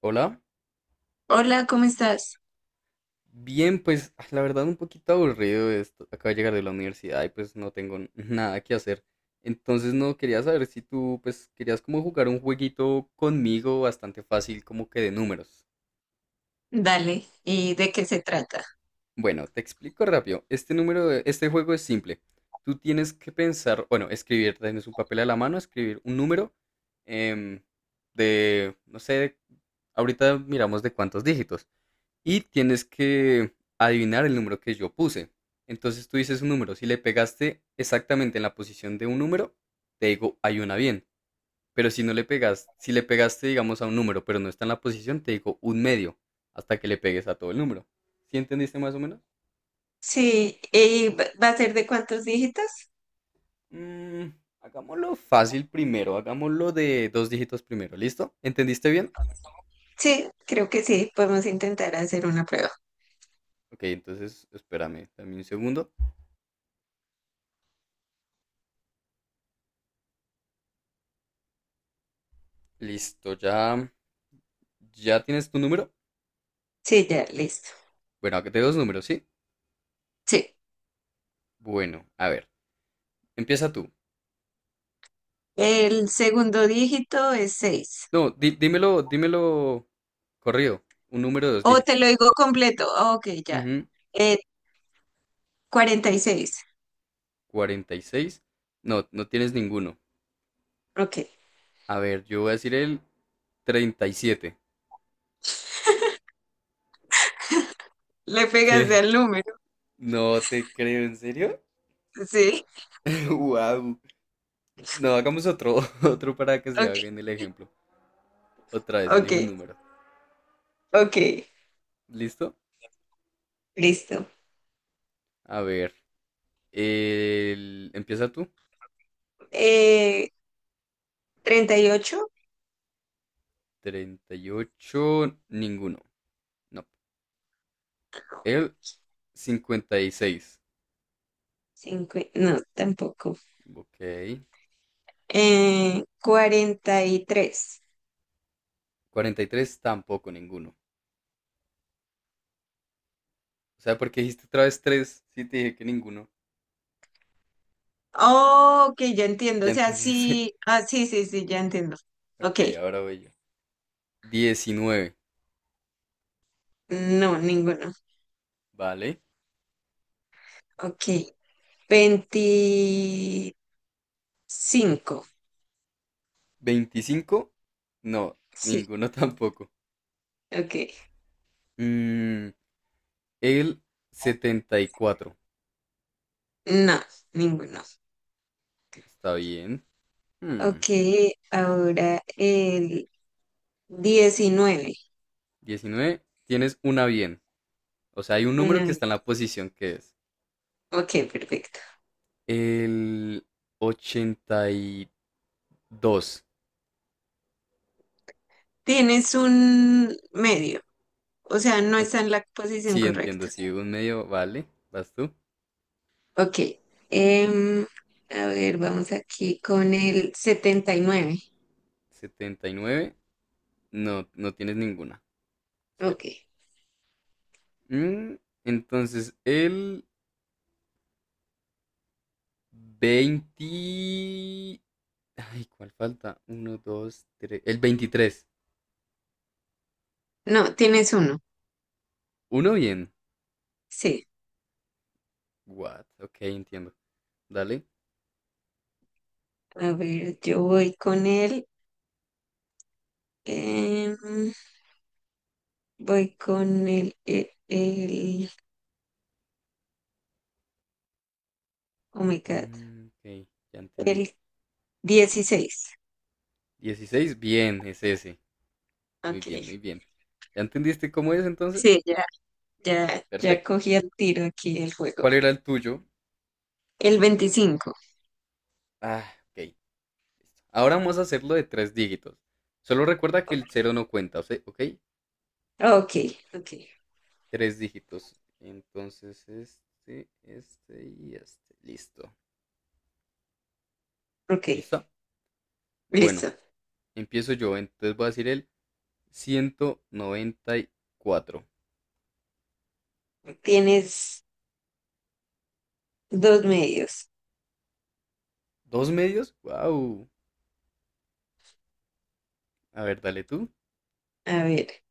Hola. Hola, ¿cómo estás? Bien, pues la verdad un poquito aburrido esto. Acabo de llegar de la universidad y pues no tengo nada que hacer. Entonces no quería saber si tú pues querías como jugar un jueguito conmigo bastante fácil como que de números. Dale, ¿y de qué se trata? Bueno, te explico rápido. Este juego es simple. Tú tienes que pensar, bueno, escribir, tienes un papel a la mano, escribir un número em, no sé, ahorita miramos de cuántos dígitos. Y tienes que adivinar el número que yo puse. Entonces tú dices un número, si le pegaste exactamente en la posición de un número, te digo hay una bien. Pero si no le pegas, si le pegaste, digamos, a un número, pero no está en la posición, te digo un medio, hasta que le pegues a todo el número. ¿Sí entendiste más o menos? Sí, ¿y va a ser de cuántos dígitos? Mm, Hagámoslo fácil primero, hagámoslo de dos dígitos primero, ¿listo? ¿Entendiste bien? Sí, creo que sí, podemos intentar hacer una prueba. Ok, entonces espérame también un segundo. Listo, ya, ya tienes tu número. Sí, ya, listo. Bueno, de dos números, ¿sí? Sí, Bueno, a ver, empieza tú. el segundo dígito es seis. No, dímelo, dímelo corrido, un número de dos O te dígitos. lo digo completo. Ah, ok, ya. Ujú, Eh, 46. 46. No, no tienes ninguno. Ok. A ver, yo voy a decir el 37. Le ¿Qué? pegas al número. No te creo, ¿en serio? Sí, Wow. No, hagamos otro, otro para que se ok, haga en el ejemplo. Otra vez, ok, elige un número. ok. ¿Listo? Listo. A ver, empieza tú. Eh, 38. 38, ninguno. No. El 56. No, tampoco. Ok. 43. 43 tampoco ninguno. O sea, porque dijiste otra vez 3, sí te dije que ninguno. Oh, ok, ya entiendo. Ya O sea, entendiste. sí. Ah, sí, sí, sí, ya entiendo. Ok. Ok, ahora voy yo. 19, No, ninguno. ¿vale? Ok. 25. 25, no, Sí. ninguno tampoco. Ok. Mm, el 74, No, ninguno. está bien. Hmm, Ok, ahora el 19. 19, tienes una bien. O sea, hay un número Una que está en vez. la posición que es. Ok, perfecto. El 82. Tienes un medio. O sea, no O- está en la posición Sí, entiendo, correcta. sí, un medio, vale. ¿Vas tú? Ok. em, a ver, vamos aquí con el 79. Setenta y nueve. No, no tienes ninguna. Cero. Ok. Mm, entonces, el 20... Ay, ¿cuál falta? Uno, dos, tres. El 23. No, tienes uno. Uno bien. Sí. What? Ok, entiendo. Dale. A ver, yo voy con él. em, voy con el... Oh my God. Ok, ya entendí. El 16. 16 bien, es ese. Muy Ok. bien, muy bien. ¿Ya entendiste cómo es entonces? Sí, ya, ya, ya Perfecto. cogí el tiro aquí el juego. ¿Cuál era el tuyo? El 25. Ah, ok. Listo. Ahora vamos a hacerlo de tres dígitos. Solo recuerda que el cero no cuenta, o sea, ¿ok? Ok, ok, Tres dígitos. Entonces, este y este. Listo. ok. ¿Listo? Bueno, Listo. empiezo yo. Entonces voy a decir el 194. Tienes dos medios. ¿Dos medios? ¡Wow! A ver, dale tú. A ver,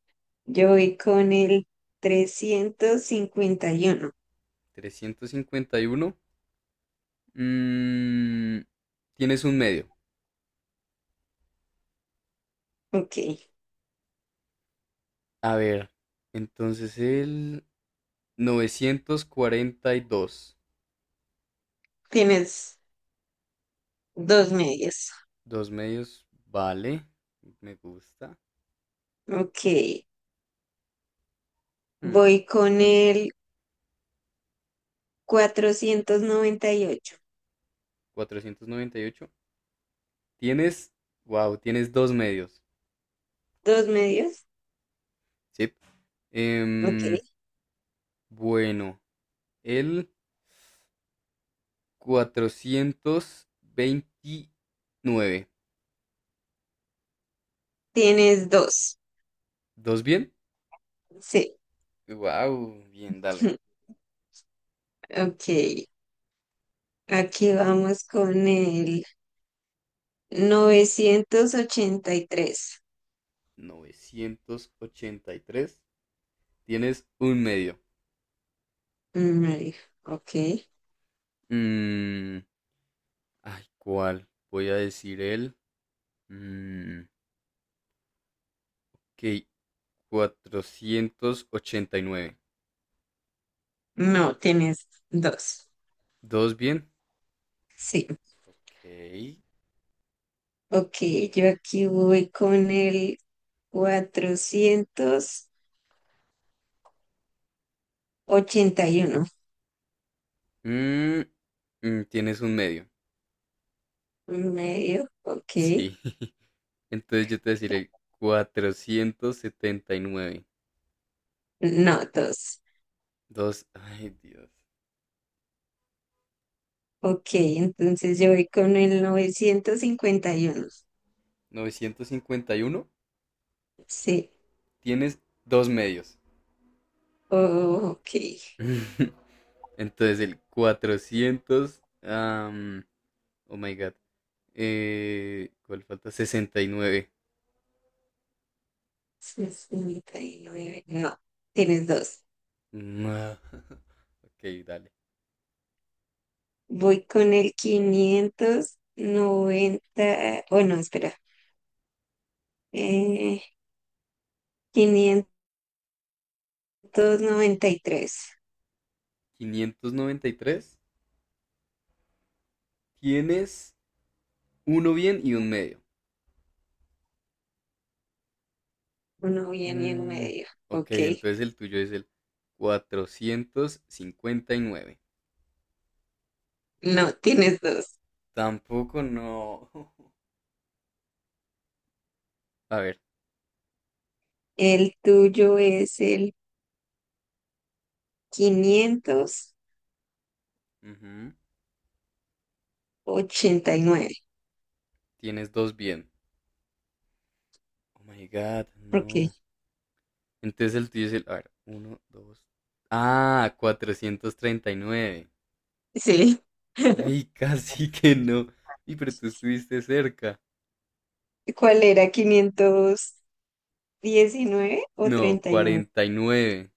yo voy con el 351. 351. Mm, Tienes un medio. Ok. A ver, entonces el 942. Tienes dos medios. Dos medios, vale. Me gusta. Ok. Hmm, Voy con vas- el 498. 498. Tienes, wow, tienes dos medios, ¿Dos medios? ¿sí? Ok. Em, bueno, el 429. Tienes dos. ¿Dos bien? Sí. Wow, bien, dale. Ok. Aquí vamos con el 983. 983. Tienes un medio. Marica, ok. Mm, Ay, ¿cuál? Voy a decir mm, ok, 489. No, tienes dos. ¿Dos bien? Sí. Ok. Ok. Yo aquí voy con el 481. Mm, Tienes un medio. Medio. Ok. Sí. Entonces yo te deciré 479. No, dos. Dos, ay Dios. Ok, entonces yo voy con el 951. 951. Sí, Tienes dos medios. oh, ok. Entonces el 400, oh my God. ¿Cuál falta? 69. 69. No, tienes dos. No. Ok, dale. Voy con el 590. Oh, no, espera. Eh, 593. 593. Tienes uno bien y un medio. Uno viene en Mm, medio. ok, Ok. entonces el tuyo es el 459. No, tienes dos. Tampoco no. A ver, El tuyo es el quinientos Ujú. ochenta y nueve. Tienes dos bien. Oh my god, no. Ok, Entonces el tuyo es el. A ver, uno, dos. Ah, 439. sí. Uy, casi que no. Y pero tú estuviste cerca. ¿Cuál era? 519 o No, 39. 49.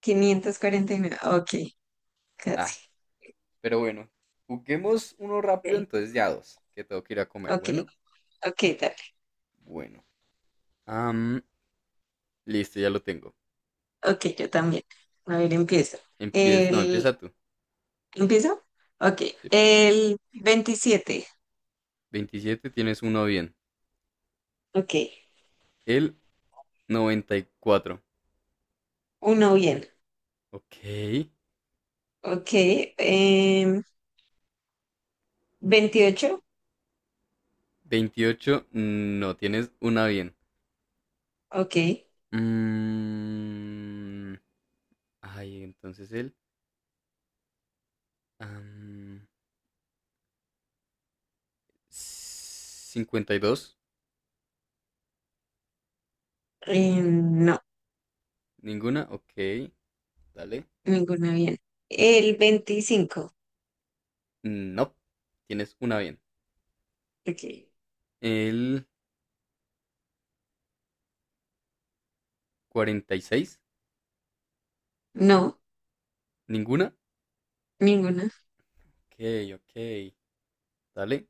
549. Ok, Ah, casi. pero bueno. Juguemos uno Ok, rápido, entonces ya dos. Que tengo que ir a comer. ok, Bueno. ok, dale. Bueno, Am, listo, ya lo tengo. Ok, yo también. A ver, empiezo. Empieza, no, El... empieza tú. ¿Empiezo? Ok, Sí, el 27. 27 tienes uno bien. Ok, El 94. uno bien. Ok. Ok, em, 28. 28. No tienes una bien. Ok, Mm, Ay, entonces am, 52. no, Ninguna. Ok. Dale. ninguna bien. El 25. No. Tienes una bien. Ok, El 46. no, Ninguna. ninguna. Ok, ok. Dale.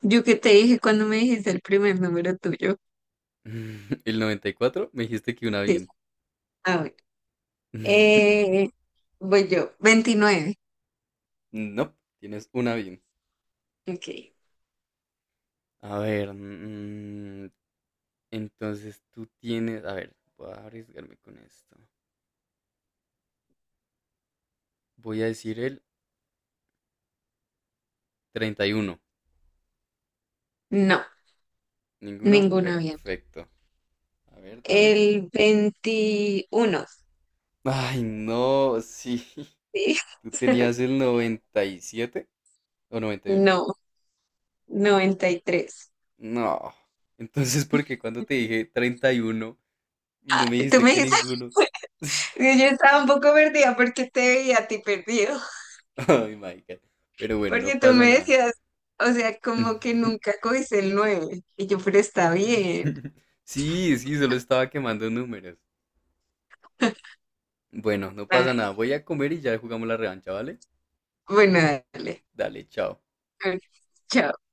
Yo que te dije cuando me dijiste el primer número tuyo. El 94. Me dijiste que una Sí, bien. ah, bueno. Eh, Voy yo, 29. No. Tienes una bien. Ok. A ver. Entonces tú tienes, a ver, voy a arriesgarme con esto. Voy a decir el 31. No, ¿Ninguno? ninguna bien. Perfecto. A ver, dale. El 21. Ay, no, sí. Sí. Tú tenías el 97 o 98. No, 93. No. Entonces, ¿por qué cuando te dije 31 no me Tú dijiste me que dices, ninguno? Sí. yo estaba un poco perdida porque te veía a ti perdido. Ay, my God. Pero bueno, no Porque tú pasa me nada. decías, o sea, como que nunca cogiste el nueve. Y yo, pero está bien. Sí, sí, solo estaba quemando números. Bueno, no pasa Ay, nada. Voy a comer y ya jugamos la revancha, ¿vale? bueno, dale. Dale, chao. A ver, chao.